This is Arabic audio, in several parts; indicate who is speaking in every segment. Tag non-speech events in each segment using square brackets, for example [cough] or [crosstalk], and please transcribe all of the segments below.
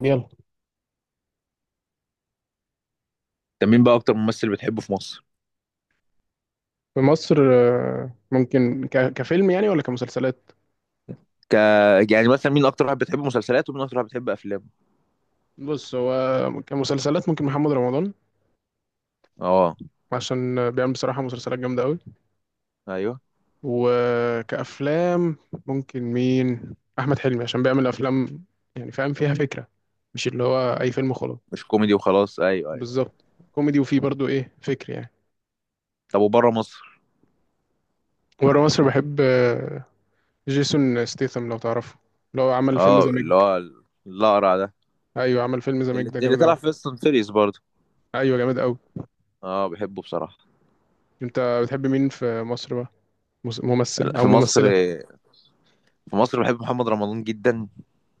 Speaker 1: يلا.
Speaker 2: طب مين بقى اكتر ممثل بتحبه في مصر؟
Speaker 1: في مصر ممكن كفيلم يعني ولا كمسلسلات؟
Speaker 2: ك... يعني مثلا مين اكتر واحد بتحب مسلسلاته ومين اكتر واحد بتحب افلامه؟
Speaker 1: بص، هو كمسلسلات ممكن محمد رمضان،
Speaker 2: اه،
Speaker 1: عشان بيعمل بصراحة مسلسلات جامدة قوي.
Speaker 2: ايوه
Speaker 1: وكأفلام ممكن مين؟ أحمد حلمي، عشان بيعمل أفلام يعني فاهم فيها فكرة، مش اللي هو أي فيلم خلاص.
Speaker 2: مش كوميدي وخلاص، ايوه ايوه.
Speaker 1: بالظبط، كوميدي وفيه برضو إيه فكر يعني.
Speaker 2: طب وبره مصر؟
Speaker 1: ورا مصر بحب جيسون ستيثم، لو تعرفه، اللي هو عمل فيلم
Speaker 2: اه
Speaker 1: ذا ميج.
Speaker 2: اللي هو الاقرع ده.
Speaker 1: أيوه، عمل فيلم ذا ميج
Speaker 2: اللي,
Speaker 1: ده
Speaker 2: اللي
Speaker 1: جامد أوي.
Speaker 2: طلع في فيست اند فيريس برضه.
Speaker 1: أيوه، جامد أوي.
Speaker 2: اه بحبه بصراحه.
Speaker 1: أنت بتحب مين في مصر بقى؟
Speaker 2: لا،
Speaker 1: ممثل او
Speaker 2: في مصر.
Speaker 1: ممثله؟
Speaker 2: في مصر بحب محمد رمضان جدا.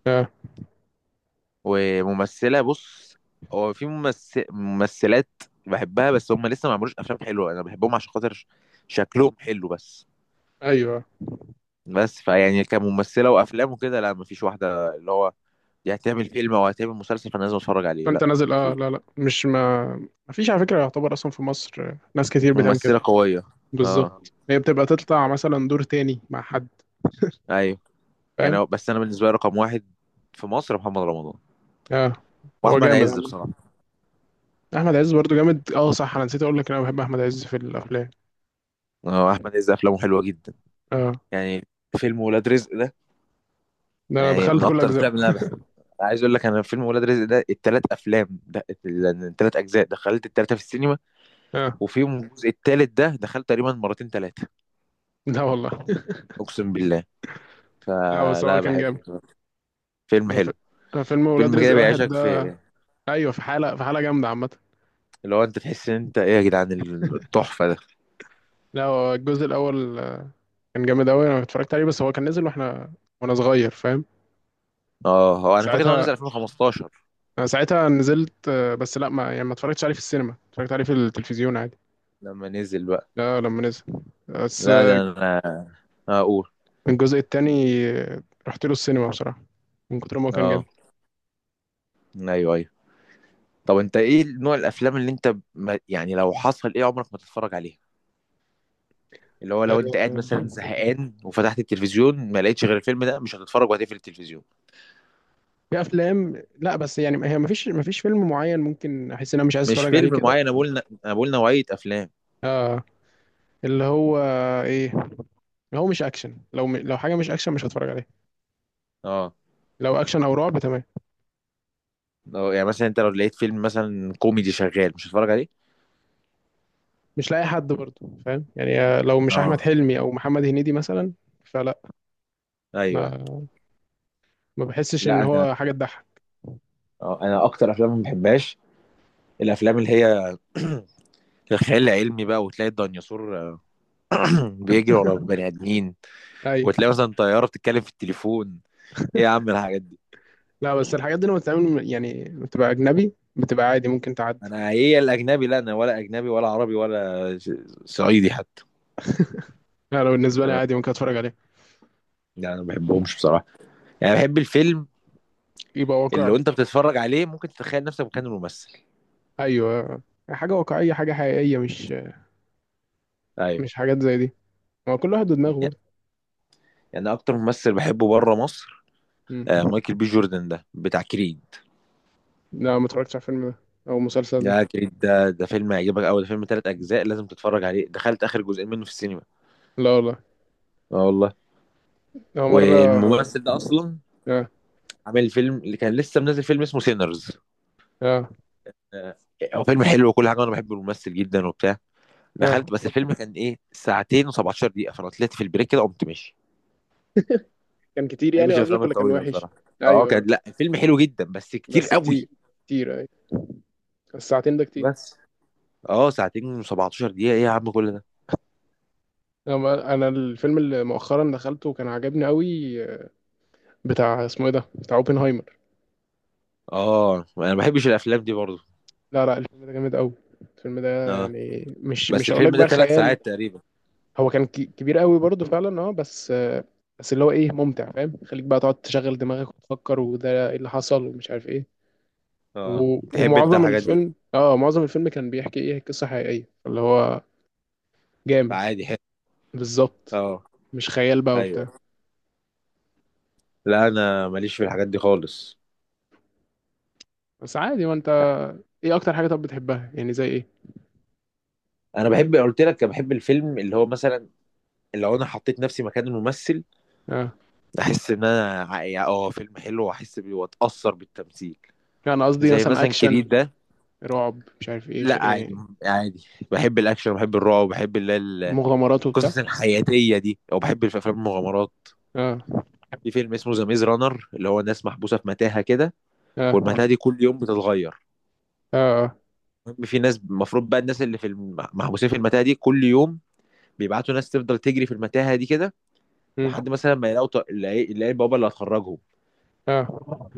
Speaker 1: آه.
Speaker 2: وممثله بص، هو في ممثلات بحبها، بس هم لسه ما عملوش افلام حلوه، انا بحبهم عشان خاطر شكلهم حلو بس.
Speaker 1: ايوه،
Speaker 2: بس فيعني كممثله وافلام وكده لا، مفيش واحده اللي هو دي هتعمل فيلم او هتعمل مسلسل فانا لازم اتفرج عليه،
Speaker 1: فانت
Speaker 2: لا.
Speaker 1: نازل. اه،
Speaker 2: في
Speaker 1: لا، لا، مش ما فيش على فكره، يعتبر اصلا في مصر ناس كتير بتعمل كده.
Speaker 2: ممثله قويه. اه
Speaker 1: بالظبط، هي بتبقى تطلع مثلا دور تاني مع حد،
Speaker 2: ايوه. يعني
Speaker 1: فاهم.
Speaker 2: بس انا بالنسبه لي رقم واحد في مصر محمد رمضان،
Speaker 1: اه. هو
Speaker 2: واحمد
Speaker 1: جامد
Speaker 2: عز بصراحه.
Speaker 1: عامة. احمد عز برضو جامد. اه صح، انا نسيت اقول لك إن انا بحب احمد عز في الافلام.
Speaker 2: اه احمد عز افلامه حلوه جدا،
Speaker 1: اه،
Speaker 2: يعني فيلم ولاد رزق ده
Speaker 1: ده انا
Speaker 2: يعني
Speaker 1: دخلت
Speaker 2: من
Speaker 1: كل
Speaker 2: اكتر
Speaker 1: اجزائه.
Speaker 2: الافلام اللي انا بحبها. عايز اقول لك انا فيلم ولاد رزق ده التلات افلام ده التلات اجزاء دخلت التلاته في السينما،
Speaker 1: اه،
Speaker 2: وفيهم الجزء التالت ده دخلت تقريبا مرتين تلاته.
Speaker 1: لا والله [laughs]
Speaker 2: اقسم بالله،
Speaker 1: لا بس هو
Speaker 2: فلا
Speaker 1: كان جامد.
Speaker 2: بحبه بصراحة. فيلم
Speaker 1: أنا في-
Speaker 2: حلو.
Speaker 1: أنا فيلم ولاد
Speaker 2: فيلم كده
Speaker 1: رزق واحد
Speaker 2: بيعيشك
Speaker 1: ده.
Speaker 2: في
Speaker 1: ايوه، في حاله، في حاله جامده عامه.
Speaker 2: اللي هو انت تحس ان انت ايه يا جدعان، التحفه ده.
Speaker 1: لا، هو الجزء الاول كان جامد قوي، انا اتفرجت عليه، بس هو كان نزل واحنا وانا صغير، فاهم.
Speaker 2: اه هو انا فاكر ان هو
Speaker 1: ساعتها
Speaker 2: نزل 2015
Speaker 1: انا ساعتها نزلت بس لا، ما اتفرجتش عليه في السينما، اتفرجت عليه في التلفزيون عادي.
Speaker 2: لما نزل بقى.
Speaker 1: لا لما نزل، بس
Speaker 2: لا ده انا اقول.
Speaker 1: الجزء التاني آه، رحت له السينما بصراحة، من كتر ما هو كان جامد.
Speaker 2: اه ايوه ايوه. طب انت ايه نوع الافلام اللي انت ما يعني لو حصل ايه عمرك ما تتفرج عليها؟ اللي هو لو انت قاعد
Speaker 1: آه،
Speaker 2: مثلا زهقان وفتحت التلفزيون ما لقيتش غير الفيلم ده مش هتتفرج وهتقفل التلفزيون.
Speaker 1: في افلام، لا بس يعني هي ما فيش فيلم معين ممكن احس ان انا مش عايز
Speaker 2: مش
Speaker 1: اتفرج عليه
Speaker 2: فيلم
Speaker 1: كده.
Speaker 2: معين، انا بقول نوعيه افلام.
Speaker 1: اه، اللي هو ايه اللي هو مش اكشن، لو حاجه مش اكشن مش هتفرج عليه.
Speaker 2: اه
Speaker 1: لو اكشن او رعب تمام.
Speaker 2: يعني مثلا انت لو لقيت فيلم مثلا كوميدي شغال مش هتتفرج عليه؟
Speaker 1: مش لاقي حد برضه، فاهم يعني، لو مش احمد
Speaker 2: اه
Speaker 1: حلمي او محمد هنيدي مثلا، فلا.
Speaker 2: ايوه.
Speaker 1: ما ما بحسش ان
Speaker 2: لا انا
Speaker 1: هو حاجه تضحك.
Speaker 2: انا اكتر افلام ما بحبهاش الافلام اللي هي [clears throat] الخيال العلمي بقى، وتلاقي الديناصور [clears throat] بيجري ورا بني ادمين،
Speaker 1: ايوه.
Speaker 2: وتلاقي مثلا طياره بتتكلم في التليفون. ايه يا عم الحاجات دي.
Speaker 1: لا بس الحاجات دي لما بتتعمل يعني بتبقى اجنبي، بتبقى عادي ممكن تعدي.
Speaker 2: انا ايه الاجنبي، لا انا ولا اجنبي ولا عربي ولا صعيدي حتى.
Speaker 1: انا بالنسبه لي
Speaker 2: انا
Speaker 1: عادي ممكن اتفرج عليها.
Speaker 2: يعني أنا ما بحبهمش بصراحه. يعني بحب الفيلم
Speaker 1: يبقى
Speaker 2: اللي
Speaker 1: واقعي.
Speaker 2: وانت بتتفرج عليه ممكن تتخيل نفسك مكان الممثل.
Speaker 1: ايوه، حاجه واقعيه، حاجه حقيقيه، مش
Speaker 2: ايوه.
Speaker 1: مش حاجات زي دي. هو كل واحد ودماغه
Speaker 2: يعني
Speaker 1: برضه.
Speaker 2: يعني أنا اكتر ممثل بحبه بره مصر
Speaker 1: مم.
Speaker 2: مايكل بي جوردن ده بتاع كريد.
Speaker 1: لا، ما اتفرجتش على الفيلم ده او المسلسل ده.
Speaker 2: ده كريد ده فيلم هيعجبك قوي، ده فيلم 3 اجزاء لازم تتفرج عليه، دخلت اخر جزئين منه في السينما.
Speaker 1: لا والله.
Speaker 2: اه والله.
Speaker 1: هو مره.
Speaker 2: والممثل ده اصلا
Speaker 1: اه،
Speaker 2: عامل فيلم، اللي كان لسه منزل فيلم اسمه سينرز.
Speaker 1: اه،
Speaker 2: هو فيلم حلو وكل حاجه، وانا بحب الممثل جدا وبتاع.
Speaker 1: اه،
Speaker 2: دخلت بس الفيلم كان ايه ساعتين و17 دقيقه، فانا طلعت في البريك كده قمت ماشي.
Speaker 1: كان كتير
Speaker 2: ما
Speaker 1: يعني
Speaker 2: بحبش الافلام
Speaker 1: قصدك، ولا كان
Speaker 2: الطويله
Speaker 1: وحش؟
Speaker 2: بصراحه. اه كان،
Speaker 1: ايوه،
Speaker 2: لا الفيلم حلو جدا بس كتير
Speaker 1: بس
Speaker 2: قوي.
Speaker 1: كتير. كتير أي، الساعتين ده كتير.
Speaker 2: بس اه، ساعتين و17 دقيقه ايه يا عم كل ده.
Speaker 1: أنا الفيلم اللي مؤخرا دخلته كان عجبني قوي، بتاع اسمه إيه ده، بتاع أوبنهايمر.
Speaker 2: اه انا ما بحبش الافلام دي برضه.
Speaker 1: لا لا، الفيلم ده جامد قوي. الفيلم ده
Speaker 2: اه
Speaker 1: يعني مش،
Speaker 2: بس
Speaker 1: هقول لك
Speaker 2: الفيلم ده
Speaker 1: بقى
Speaker 2: ثلاث
Speaker 1: خيال.
Speaker 2: ساعات تقريبا.
Speaker 1: هو كان كبير قوي برضه فعلا، أه بس بس اللي هو إيه ممتع، فاهم، خليك بقى تقعد تشغل دماغك وتفكر، وده إيه اللي حصل ومش عارف إيه.
Speaker 2: اه تحب انت
Speaker 1: ومعظم
Speaker 2: الحاجات دي
Speaker 1: الفيلم، أه، معظم الفيلم كان بيحكي إيه قصة حقيقية، اللي هو جامد.
Speaker 2: فعادي حلو.
Speaker 1: بالظبط،
Speaker 2: اه
Speaker 1: مش خيال بقى
Speaker 2: ايوه.
Speaker 1: وبتاع.
Speaker 2: لا انا ماليش في الحاجات دي خالص.
Speaker 1: بس عادي. ما انت ايه اكتر حاجه طب بتحبها يعني زي ايه؟
Speaker 2: انا بحب، قلت لك انا بحب الفيلم اللي هو مثلا لو انا حطيت نفسي مكان الممثل
Speaker 1: اه،
Speaker 2: احس ان انا يعني اه فيلم حلو واحس بيه واتاثر بالتمثيل.
Speaker 1: يعني قصدي
Speaker 2: زي
Speaker 1: مثلا
Speaker 2: مثلا كريد
Speaker 1: اكشن،
Speaker 2: ده.
Speaker 1: رعب، مش عارف ايه،
Speaker 2: لا عادي.
Speaker 1: إيه،
Speaker 2: عادي بحب الاكشن، بحب الرعب، بحب اللي هي
Speaker 1: مغامرات وبتاع.
Speaker 2: القصص الحياتيه دي، او بحب في افلام المغامرات.
Speaker 1: اه،
Speaker 2: في فيلم اسمه ذا ميز رانر اللي هو ناس محبوسه في متاهه كده،
Speaker 1: اه،
Speaker 2: والمتاهه دي كل يوم بتتغير.
Speaker 1: اه، اه.
Speaker 2: المهم في ناس المفروض بقى، الناس اللي في محبوسين في المتاهه دي كل يوم بيبعتوا ناس تفضل تجري في المتاهه دي كده، لحد
Speaker 1: مم.
Speaker 2: مثلا ما يلاقوا يلاقي البوابه اللي هتخرجهم.
Speaker 1: اه.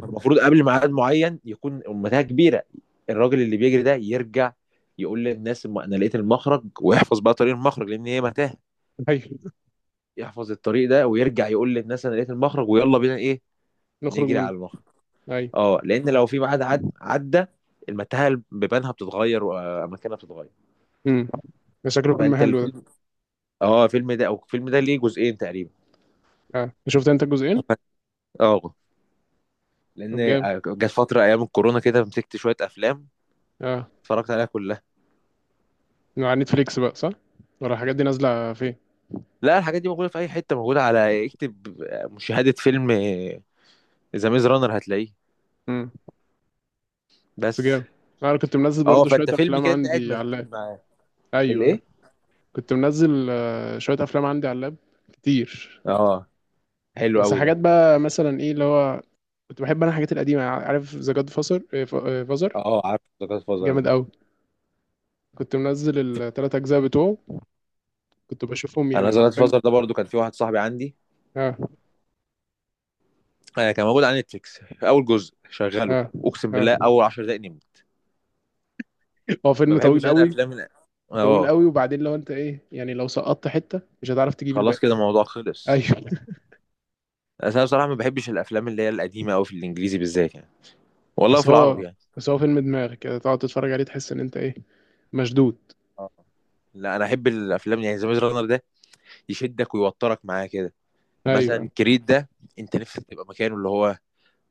Speaker 2: المفروض قبل ميعاد معين يكون المتاهه كبيره، الراجل اللي بيجري ده يرجع يقول للناس ما انا لقيت المخرج، ويحفظ بقى طريق المخرج لان هي متاهه،
Speaker 1: هاي،
Speaker 2: يحفظ الطريق ده ويرجع يقول للناس انا لقيت المخرج ويلا بينا ايه
Speaker 1: نخرج
Speaker 2: نجري
Speaker 1: منه.
Speaker 2: على المخرج.
Speaker 1: هاي.
Speaker 2: اه لان لو في ميعاد عدى المتاهه بيبانها بتتغير واماكنها بتتغير.
Speaker 1: امم. ده شكله فيلم
Speaker 2: فانت
Speaker 1: حلو ده.
Speaker 2: الفيلم، اه الفيلم ده، او الفيلم ده ليه جزئين تقريبا.
Speaker 1: اه، شفت انت الجزئين.
Speaker 2: [laughs] اه لان
Speaker 1: طب جامد.
Speaker 2: جت فتره ايام الكورونا كده مسكت شويه افلام
Speaker 1: اه،
Speaker 2: اتفرجت عليها كلها.
Speaker 1: على نتفليكس بقى صح، ولا الحاجات دي نازله فين؟
Speaker 2: لا الحاجات دي موجودة في أي حتة، موجودة على اكتب مشاهدة فيلم ذا ميز رانر هتلاقيه.
Speaker 1: امم. بس
Speaker 2: بس.
Speaker 1: جامد. انا كنت منزل
Speaker 2: اه
Speaker 1: برضو شويه
Speaker 2: فأنت فيلم
Speaker 1: افلام
Speaker 2: كده أنت قاعد
Speaker 1: عندي على اللاب.
Speaker 2: مسدود معاه
Speaker 1: ايوه،
Speaker 2: الإيه؟
Speaker 1: كنت منزل شويه افلام عندي على اللاب كتير.
Speaker 2: اه حلو
Speaker 1: بس
Speaker 2: قوي
Speaker 1: حاجات
Speaker 2: ده.
Speaker 1: بقى مثلا ايه اللي هو، كنت بحب انا الحاجات القديمه. عارف ذا جاد فازر؟ فازر،
Speaker 2: اه عارف ذا جاد فازر
Speaker 1: جامد
Speaker 2: ده.
Speaker 1: قوي. كنت منزل الثلاث اجزاء بتوعه، كنت بشوفهم
Speaker 2: أنا
Speaker 1: يعني
Speaker 2: ذا جاد
Speaker 1: حرفيا.
Speaker 2: فازر ده برضو كان في واحد صاحبي عندي
Speaker 1: اه،
Speaker 2: كان موجود على نتفليكس في أول جزء شغله.
Speaker 1: اه،
Speaker 2: أقسم
Speaker 1: اه.
Speaker 2: بالله أول 10 دقايق نمت.
Speaker 1: هو
Speaker 2: ما
Speaker 1: فيلم طويل
Speaker 2: بحبش أنا
Speaker 1: قوي،
Speaker 2: أفلام
Speaker 1: طويل
Speaker 2: اه
Speaker 1: قوي. وبعدين لو انت ايه يعني، لو سقطت حته مش هتعرف تجيب
Speaker 2: خلاص
Speaker 1: الباقي.
Speaker 2: كده الموضوع
Speaker 1: ايوه
Speaker 2: خلص.
Speaker 1: [laughs]
Speaker 2: أصل أنا بصراحة ما بحبش الأفلام اللي هي القديمة أوي في الإنجليزي بالذات يعني، والله
Speaker 1: بس
Speaker 2: في
Speaker 1: هو،
Speaker 2: العربي يعني.
Speaker 1: بس هو فيلم دماغ كده، تقعد تتفرج عليه تحس ان انت ايه، مشدود.
Speaker 2: اه لا انا احب الافلام، يعني ذا ميز رانر ده يشدك ويوترك معاه كده. مثلا
Speaker 1: ايوه.
Speaker 2: كريد ده انت نفسك تبقى مكانه، اللي هو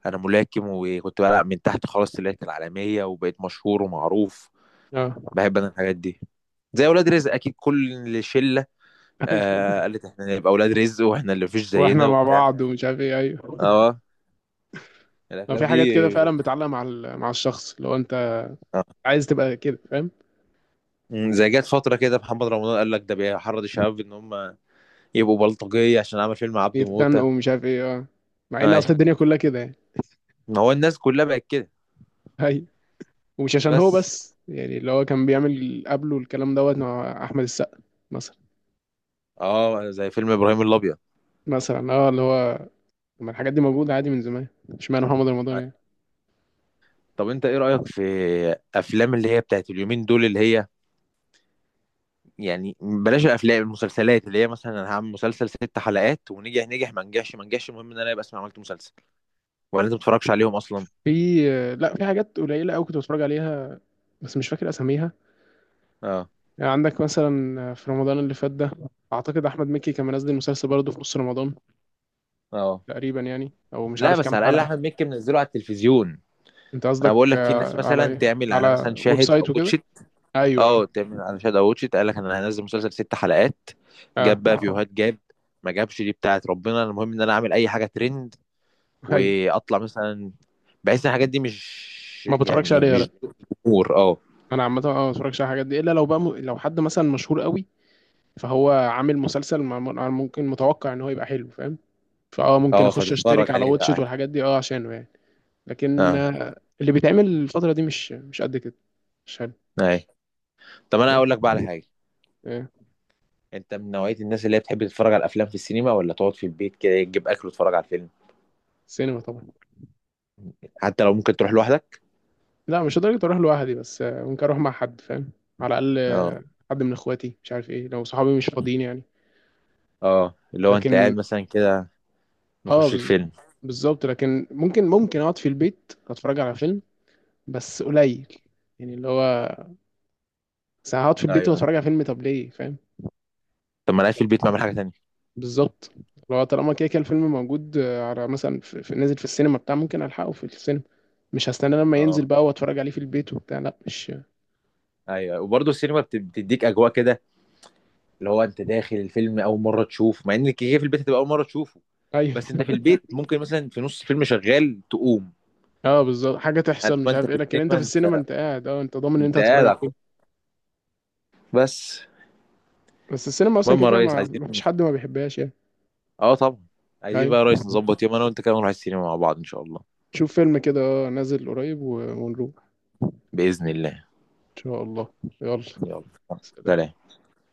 Speaker 2: انا ملاكم وكنت بلعب من تحت خلاص طلعت العالميه وبقيت مشهور ومعروف.
Speaker 1: اه.
Speaker 2: بحب انا الحاجات دي. زي اولاد رزق اكيد كل شله
Speaker 1: ايوه
Speaker 2: آه قالت احنا نبقى اولاد رزق واحنا اللي مفيش
Speaker 1: [laughs]
Speaker 2: زينا
Speaker 1: واحنا مع
Speaker 2: وبتاع.
Speaker 1: بعض ومش عارف ايه، ايوه.
Speaker 2: اه
Speaker 1: ما
Speaker 2: الافلام
Speaker 1: في
Speaker 2: دي.
Speaker 1: حاجات كده فعلا بتعلق مع مع الشخص، لو انت
Speaker 2: آه.
Speaker 1: عايز تبقى كده، فاهم.
Speaker 2: زي جت فتره كده محمد رمضان قال لك ده بيحرض الشباب ان هم يبقوا بلطجيه عشان عمل فيلم عبده موته.
Speaker 1: بيتخانقوا ومش عارف ايه، اه. مع ان
Speaker 2: اي
Speaker 1: اصل الدنيا كلها كده يعني.
Speaker 2: ما هو الناس كلها بقت كده.
Speaker 1: هي. ومش عشان هو
Speaker 2: بس
Speaker 1: بس يعني، اللي هو كان بيعمل قبله الكلام دوت مع احمد السقا مثلا.
Speaker 2: اه زي فيلم ابراهيم الابيض.
Speaker 1: مثلا، اه، اللي هو، ما الحاجات دي موجوده عادي من زمان، اشمعنى محمد رمضان يعني.
Speaker 2: طب انت ايه رأيك في افلام اللي هي بتاعت اليومين دول اللي هي، يعني بلاش الافلام، المسلسلات اللي هي مثلا انا هعمل مسلسل 6 حلقات ونجح نجح ما نجحش ما نجحش المهم ان انا يبقى اسمي عملت مسلسل، ولا انت ما بتتفرجش عليهم اصلا؟
Speaker 1: في لا، في حاجات قليله قوي كنت بتفرج عليها، بس مش فاكر اساميها.
Speaker 2: اه
Speaker 1: يعني عندك مثلا في رمضان اللي فات ده، اعتقد احمد مكي كان منزل مسلسل برضه في نص رمضان
Speaker 2: اه.
Speaker 1: تقريبا يعني، او مش
Speaker 2: لا
Speaker 1: عارف
Speaker 2: بس
Speaker 1: كام
Speaker 2: على الاقل
Speaker 1: حلقه.
Speaker 2: احمد مكي منزله على التلفزيون.
Speaker 1: انت
Speaker 2: انا
Speaker 1: قصدك
Speaker 2: بقول لك في ناس
Speaker 1: على
Speaker 2: مثلا
Speaker 1: ايه،
Speaker 2: تعمل على
Speaker 1: على
Speaker 2: مثلا
Speaker 1: ويب
Speaker 2: شاهد
Speaker 1: سايت
Speaker 2: او
Speaker 1: وكده؟
Speaker 2: واتشت، اه
Speaker 1: ايوه.
Speaker 2: تعمل على شاهد او واتشت قال لك انا هنزل مسلسل 6 حلقات،
Speaker 1: اه،
Speaker 2: جاب بقى فيوهات، جاب ما جابش دي بتاعت ربنا، المهم ان انا اعمل اي حاجه ترند
Speaker 1: ايوه،
Speaker 2: واطلع مثلا. بحس ان الحاجات دي مش
Speaker 1: ما بتفرجش
Speaker 2: يعني إيه،
Speaker 1: عليها
Speaker 2: مش
Speaker 1: لا.
Speaker 2: جمهور اه.
Speaker 1: انا عامه اه ما بتفرجش على الحاجات دي، الا لو بقى لو حد مثلا مشهور قوي فهو عامل مسلسل ممكن متوقع ان هو يبقى حلو، فاهم. فاه، ممكن
Speaker 2: اه
Speaker 1: اخش
Speaker 2: فتتفرج
Speaker 1: اشترك على
Speaker 2: عليه
Speaker 1: واتشيت
Speaker 2: بقى.
Speaker 1: والحاجات دي، اه، عشانه يعني. لكن
Speaker 2: اه
Speaker 1: اللي بيتعمل الفتره دي مش، قد كده، مش حلو.
Speaker 2: اي. طب انا
Speaker 1: لا.
Speaker 2: اقول لك بقى على حاجه،
Speaker 1: آه،
Speaker 2: انت من نوعيه الناس اللي هي بتحب تتفرج على الافلام في السينما، ولا تقعد في البيت كده تجيب اكل وتتفرج على الفيلم؟
Speaker 1: سينما طبعا.
Speaker 2: حتى لو ممكن تروح لوحدك؟
Speaker 1: لا، مش لدرجه اروح لوحدي، بس ممكن اروح مع حد، فاهم. على الاقل
Speaker 2: اه
Speaker 1: حد من اخواتي، مش عارف ايه، لو صحابي مش فاضيين يعني.
Speaker 2: اه اللي هو انت
Speaker 1: لكن
Speaker 2: قاعد مثلا كده
Speaker 1: اه،
Speaker 2: نخش الفيلم.
Speaker 1: بالظبط، لكن ممكن اقعد في البيت اتفرج على فيلم، بس قليل. يعني اللي هو، بس هقعد في
Speaker 2: ايوه
Speaker 1: البيت
Speaker 2: أيوة.
Speaker 1: واتفرج على فيلم طب ليه، فاهم.
Speaker 2: طب ما انا قاعد في البيت ما اعمل حاجه تانية.
Speaker 1: بالظبط. لو طالما كده كده الفيلم موجود على مثلا في نازل في السينما بتاع، ممكن الحقه في السينما، مش هستنى لما ينزل
Speaker 2: اه
Speaker 1: بقى واتفرج عليه في البيت وبتاع، لا مش.
Speaker 2: ايوه وبرضه السينما بتديك اجواء كده، اللي هو انت داخل الفيلم اول مره تشوف، مع ان كده كده في البيت هتبقى اول مره تشوف.
Speaker 1: ايوه
Speaker 2: بس انت في
Speaker 1: [laughs]
Speaker 2: البيت ممكن مثلا في نص فيلم شغال تقوم.
Speaker 1: اه، بالظبط، حاجه
Speaker 2: انما
Speaker 1: تحصل مش
Speaker 2: انت
Speaker 1: عارف ايه،
Speaker 2: في
Speaker 1: لكن انت
Speaker 2: السينما
Speaker 1: في السينما
Speaker 2: انت
Speaker 1: انت قاعد، اه، انت ضامن ان انت
Speaker 2: انت
Speaker 1: هتتفرج
Speaker 2: قاعد على
Speaker 1: على الفيلم.
Speaker 2: بس.
Speaker 1: بس السينما اصلا كده
Speaker 2: المهم يا
Speaker 1: كده،
Speaker 2: ريس،
Speaker 1: ما
Speaker 2: عايزين
Speaker 1: ما فيش حد ما بيحبهاش يعني.
Speaker 2: اه طبعا، عايزين بقى يا
Speaker 1: ايوه،
Speaker 2: ريس نظبط يوم انا وانت كده نروح السينما مع بعض ان شاء الله.
Speaker 1: شوف فيلم كده اه نازل قريب ونروح.
Speaker 2: باذن الله.
Speaker 1: ان شاء الله. يلا.
Speaker 2: يلا.
Speaker 1: سلام.
Speaker 2: سلام.